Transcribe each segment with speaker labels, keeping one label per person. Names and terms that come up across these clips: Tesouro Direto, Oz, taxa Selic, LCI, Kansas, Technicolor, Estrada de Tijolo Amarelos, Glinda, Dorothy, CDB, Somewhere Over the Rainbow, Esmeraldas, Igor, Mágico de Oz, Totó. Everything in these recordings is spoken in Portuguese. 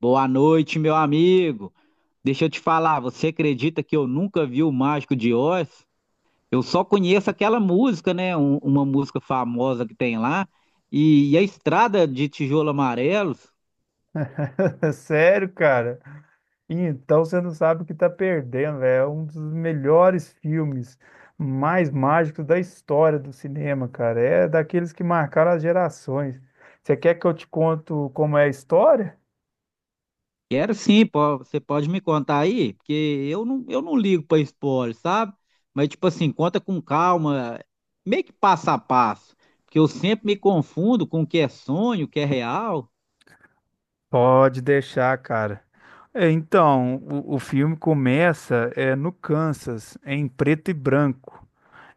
Speaker 1: Boa noite, meu amigo. Deixa eu te falar, você acredita que eu nunca vi o Mágico de Oz? Eu só conheço aquela música, né? Uma música famosa que tem lá. E a Estrada de Tijolo Amarelos.
Speaker 2: É sério, cara? Então você não sabe o que tá perdendo, velho. É um dos melhores filmes mais mágicos da história do cinema, cara. É daqueles que marcaram as gerações. Você quer que eu te conto como é a história?
Speaker 1: Quero sim, você pode me contar aí? Porque eu não ligo pra spoiler, sabe? Mas, tipo assim, conta com calma, meio que passo a passo. Porque eu sempre me confundo com o que é sonho, o que é real.
Speaker 2: Pode deixar, cara. Então, o filme começa no Kansas, em preto e branco.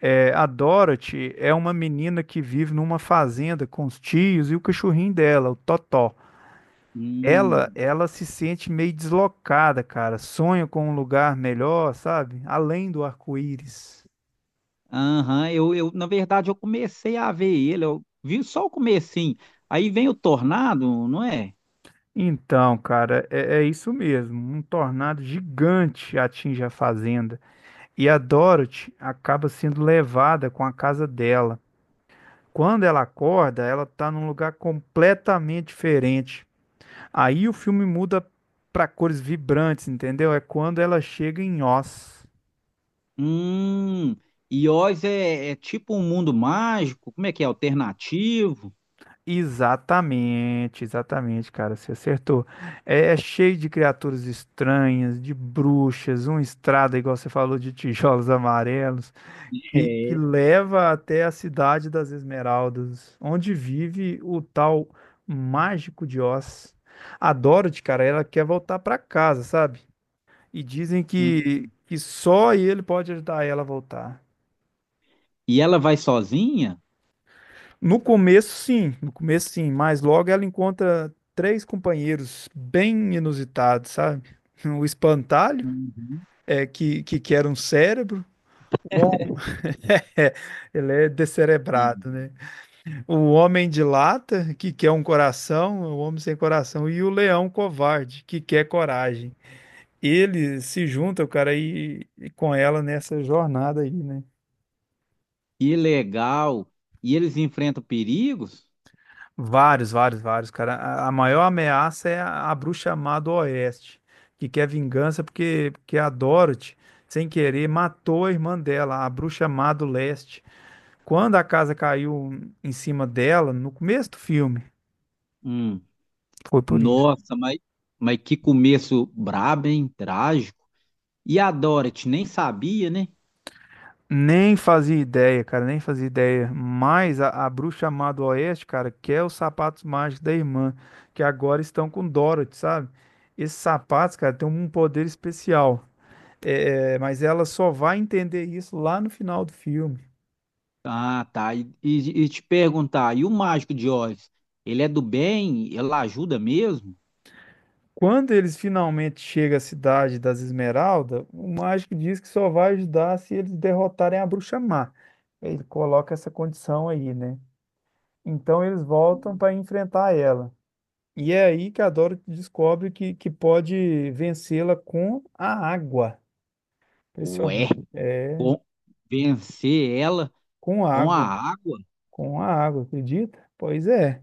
Speaker 2: É, a Dorothy é uma menina que vive numa fazenda com os tios e o cachorrinho dela, o Totó. Ela,
Speaker 1: Hum.
Speaker 2: ela se sente meio deslocada, cara. Sonha com um lugar melhor, sabe? Além do arco-íris.
Speaker 1: Aham, na verdade, eu comecei a ver ele, eu vi só o comecinho. Aí vem o Tornado, não é?
Speaker 2: Então, cara, é isso mesmo. Um tornado gigante atinge a fazenda e a Dorothy acaba sendo levada com a casa dela. Quando ela acorda, ela está num lugar completamente diferente. Aí o filme muda para cores vibrantes, entendeu? É quando ela chega em Oz.
Speaker 1: Hum, e Oz é tipo um mundo mágico, como é que é? Alternativo?
Speaker 2: Exatamente, exatamente, cara, você acertou. É cheio de criaturas estranhas, de bruxas, uma estrada, igual você falou, de tijolos amarelos, que
Speaker 1: É.
Speaker 2: leva até a cidade das Esmeraldas, onde vive o tal mágico de Oz. A Dorothy, cara, ela quer voltar pra casa, sabe? E dizem que,
Speaker 1: Hum.
Speaker 2: que só ele pode ajudar ela a voltar.
Speaker 1: E ela vai sozinha?
Speaker 2: No começo, sim, no começo, sim, mas logo ela encontra três companheiros bem inusitados, sabe? O espantalho,
Speaker 1: Uhum.
Speaker 2: que quer um cérebro, o homem, é, ele é
Speaker 1: E-
Speaker 2: descerebrado, né? O homem de lata, que quer um coração, o homem sem coração, e o leão covarde, que quer coragem. Ele se junta, o cara, e com ela nessa jornada aí, né?
Speaker 1: Que legal! E eles enfrentam perigos?
Speaker 2: Vários, vários, vários, cara. A maior ameaça é a bruxa má do Oeste, que quer vingança porque a Dorothy, sem querer, matou a irmã dela, a bruxa má do Leste. Quando a casa caiu em cima dela, no começo do filme,
Speaker 1: Hum.
Speaker 2: foi por isso.
Speaker 1: Nossa, mas que começo brabo, hein? Trágico. E a Dorothy nem sabia, né?
Speaker 2: Nem fazia ideia, cara, nem fazia ideia. Mas a bruxa má do Oeste, cara, quer os sapatos mágicos da irmã, que agora estão com Dorothy, sabe? Esses sapatos, cara, têm um poder especial. Mas ela só vai entender isso lá no final do filme.
Speaker 1: Ah, tá. E te perguntar, e o mágico de Oz? Ele é do bem? Ela ajuda mesmo?
Speaker 2: Quando eles finalmente chegam à cidade das Esmeraldas, o mágico diz que só vai ajudar se eles derrotarem a bruxa má. Ele coloca essa condição aí, né? Então eles voltam para enfrentar ela. E é aí que a Dorothy descobre que pode vencê-la com a água.
Speaker 1: Ué,
Speaker 2: Impressionante. É,
Speaker 1: com- vencer ela
Speaker 2: com a
Speaker 1: com a
Speaker 2: água.
Speaker 1: água?
Speaker 2: Com a água, acredita? Pois é.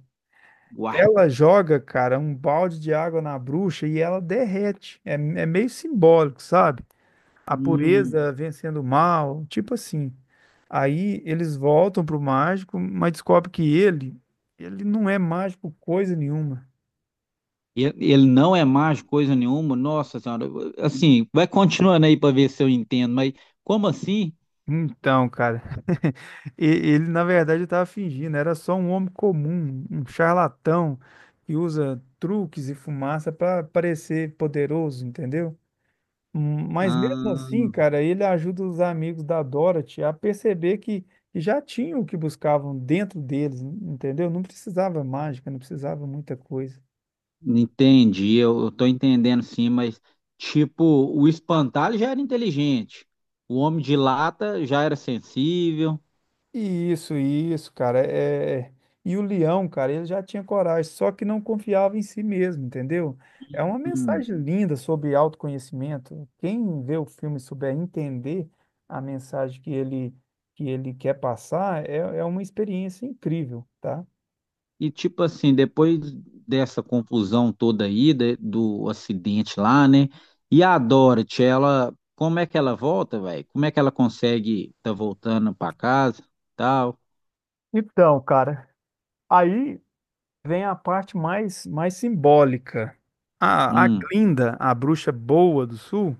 Speaker 1: Uai.
Speaker 2: Ela joga, cara, um balde de água na bruxa e ela derrete. É meio simbólico, sabe? A
Speaker 1: Hum,
Speaker 2: pureza vencendo o mal, tipo assim. Aí eles voltam pro mágico, mas descobre que ele não é mágico coisa nenhuma.
Speaker 1: ele não é mágico coisa nenhuma? Nossa Senhora. Assim, vai continuando aí para ver se eu entendo, mas como assim?
Speaker 2: Então, cara, e- ele na verdade estava fingindo, era só um homem comum, um charlatão que usa truques e fumaça para parecer poderoso, entendeu? Mas mesmo assim,
Speaker 1: Ah,
Speaker 2: cara, ele ajuda os amigos da Dorothy a perceber que já tinham o que buscavam dentro deles, entendeu? Não precisava mágica, não precisava muita coisa.
Speaker 1: entendi. Eu tô entendendo sim, mas tipo, o espantalho já era inteligente. O homem de lata já era sensível.
Speaker 2: Isso, cara. E o leão, cara, ele já tinha coragem, só que não confiava em si mesmo, entendeu? É uma
Speaker 1: Hum.
Speaker 2: mensagem linda sobre autoconhecimento. Quem vê o filme e souber entender a mensagem que ele quer passar, é uma experiência incrível, tá?
Speaker 1: E tipo assim, depois dessa confusão toda aí, de- do acidente lá, né? E a Dorothy, ela, como é que ela volta, velho? Como é que ela consegue tá voltando pra casa, tal?
Speaker 2: Então, cara. Aí vem a parte mais simbólica. A
Speaker 1: Hum.
Speaker 2: Glinda, a bruxa boa do sul,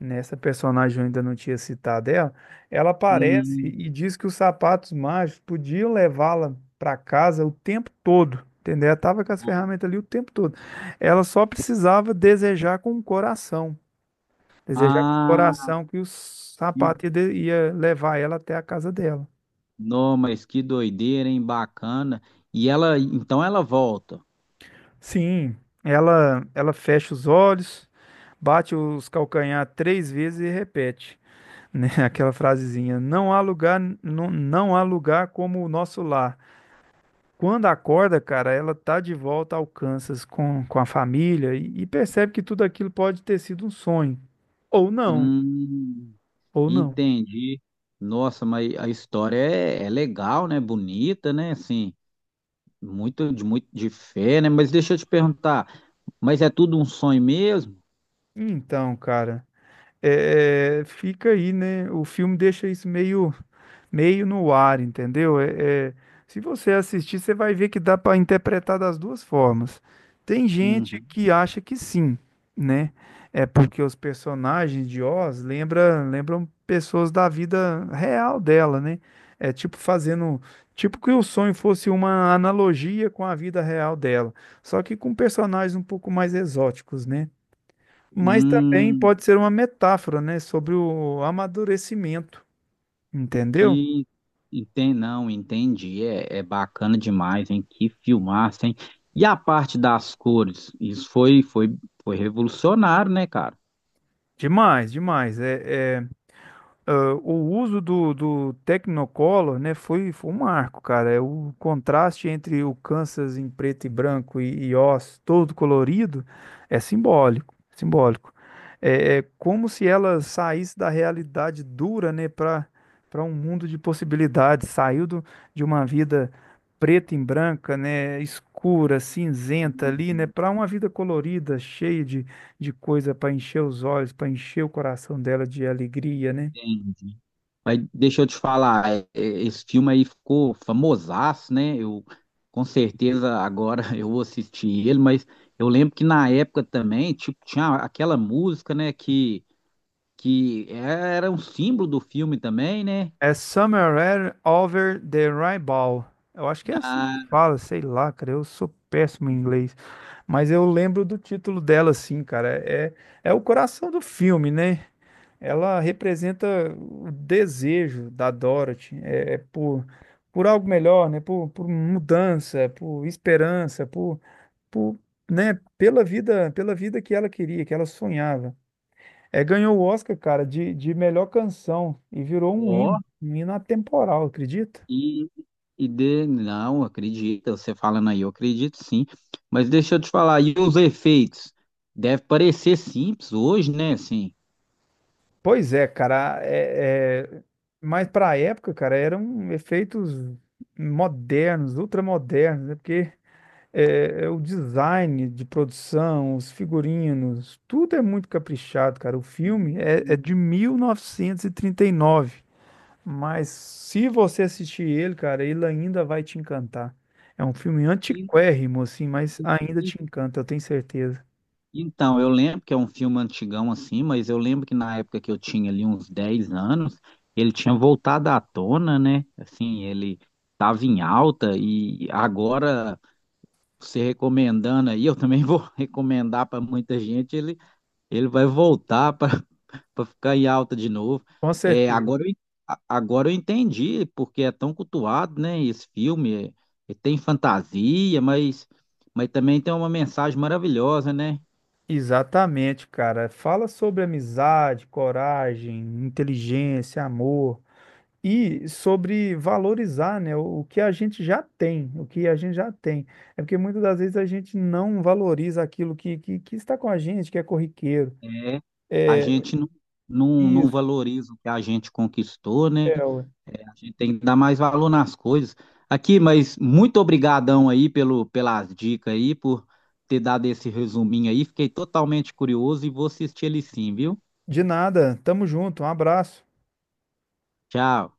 Speaker 2: nessa personagem eu ainda não tinha citado ela, ela aparece
Speaker 1: Hum.
Speaker 2: e diz que os sapatos mágicos podiam levá-la para casa o tempo todo, entendeu? Ela estava com as ferramentas ali o tempo todo. Ela só precisava desejar com o coração, desejar com o
Speaker 1: Ah,
Speaker 2: coração que os
Speaker 1: que...
Speaker 2: sapatos ia levar ela até a casa dela.
Speaker 1: Não, mas que doideira, hein? Bacana. E ela, então ela volta.
Speaker 2: Sim, ela fecha os olhos, bate os calcanhar três vezes e repete, né? Aquela frasezinha, não há lugar, não há lugar como o nosso lar. Quando acorda, cara, ela tá de volta ao Kansas com a família e percebe que tudo aquilo pode ter sido um sonho. Ou não,
Speaker 1: Hum,
Speaker 2: ou não.
Speaker 1: entendi. Nossa, mas a história é legal, né? Bonita, né? Assim, muito muito de fé, né? Mas deixa eu te perguntar, mas é tudo um sonho mesmo?
Speaker 2: Então, cara, fica aí, né? O filme deixa isso meio no ar, entendeu? Se você assistir, você vai ver que dá para interpretar das duas formas. Tem gente
Speaker 1: Uhum.
Speaker 2: que acha que sim, né? É porque os personagens de Oz lembram pessoas da vida real dela, né? É tipo fazendo, tipo que o sonho fosse uma analogia com a vida real dela, só que com personagens um pouco mais exóticos, né? Mas também
Speaker 1: Hum,
Speaker 2: pode ser uma metáfora, né, sobre o amadurecimento, entendeu?
Speaker 1: que enten não, entendi. É bacana demais, hein? Que filmaço, hein? E a parte das cores? Isso foi revolucionário, né, cara?
Speaker 2: Demais, demais. O uso do, do Technicolor, né, foi um marco, cara. É o contraste entre o Kansas em preto e branco e Oz todo colorido é simbólico, simbólico. É como se ela saísse da realidade dura, né, para para um mundo de possibilidades. Saiu do, de uma vida preta e branca, né, escura, cinzenta ali, né,
Speaker 1: Uhum.
Speaker 2: para uma vida colorida, cheia de coisa para encher os olhos, para encher o coração dela de alegria, né?
Speaker 1: Mas deixa eu te falar, esse filme aí ficou famosaço, né? Eu com certeza agora eu vou assistir ele, mas eu lembro que na época também, tipo, tinha aquela música, né, que era um símbolo do filme também, né?
Speaker 2: É Somewhere Over the Rainbow. Eu acho que é assim que
Speaker 1: Ah,
Speaker 2: fala, sei lá, cara. Eu sou péssimo em inglês. Mas eu lembro do título dela, assim, cara. É o coração do filme, né? Ela representa o desejo da Dorothy. Por algo melhor, né? Por mudança, por esperança, por, né? Pela vida que ela queria, que ela sonhava. É, ganhou o Oscar, cara, de melhor canção e virou
Speaker 1: ó,
Speaker 2: um hino atemporal, acredita?
Speaker 1: e, não, acredita, você falando aí, eu acredito sim. Mas deixa eu te falar, e os efeitos? Deve parecer simples hoje, né, assim.
Speaker 2: Pois é, cara, mas para a época, cara, eram efeitos modernos, ultramodernos, né? Porque é o design de produção, os figurinos, tudo é muito caprichado, cara. O filme é de 1939. Mas se você assistir ele, cara, ele ainda vai te encantar. É um filme antiquérrimo, assim, mas ainda
Speaker 1: E-
Speaker 2: te encanta, eu tenho certeza.
Speaker 1: então, eu lembro que é um filme antigão assim, mas eu lembro que na época que eu tinha ali uns 10 anos, ele tinha voltado à tona, né? Assim, ele estava em alta e agora você recomendando aí, eu também vou recomendar para muita gente, ele vai voltar para ficar em alta de novo.
Speaker 2: Com
Speaker 1: É,
Speaker 2: certeza.
Speaker 1: agora, agora eu entendi porque é tão cultuado, né? Esse filme, é, tem fantasia, mas também tem uma mensagem maravilhosa, né?
Speaker 2: Exatamente, cara. Fala sobre amizade, coragem, inteligência, amor e sobre valorizar, né, o que a gente já tem, o que a gente já tem. É porque muitas das vezes a gente não valoriza aquilo que está com a gente, que é corriqueiro.
Speaker 1: É, a
Speaker 2: É
Speaker 1: gente não, não, não
Speaker 2: isso.
Speaker 1: valoriza o que a gente conquistou, né?
Speaker 2: É, ué.
Speaker 1: É, a gente tem que dar mais valor nas coisas. Aqui, mas muito obrigadão aí pelo, pelas dicas aí, por ter dado esse resuminho aí. Fiquei totalmente curioso e vou assistir ele sim, viu?
Speaker 2: De nada. Tamo junto. Um abraço.
Speaker 1: Tchau.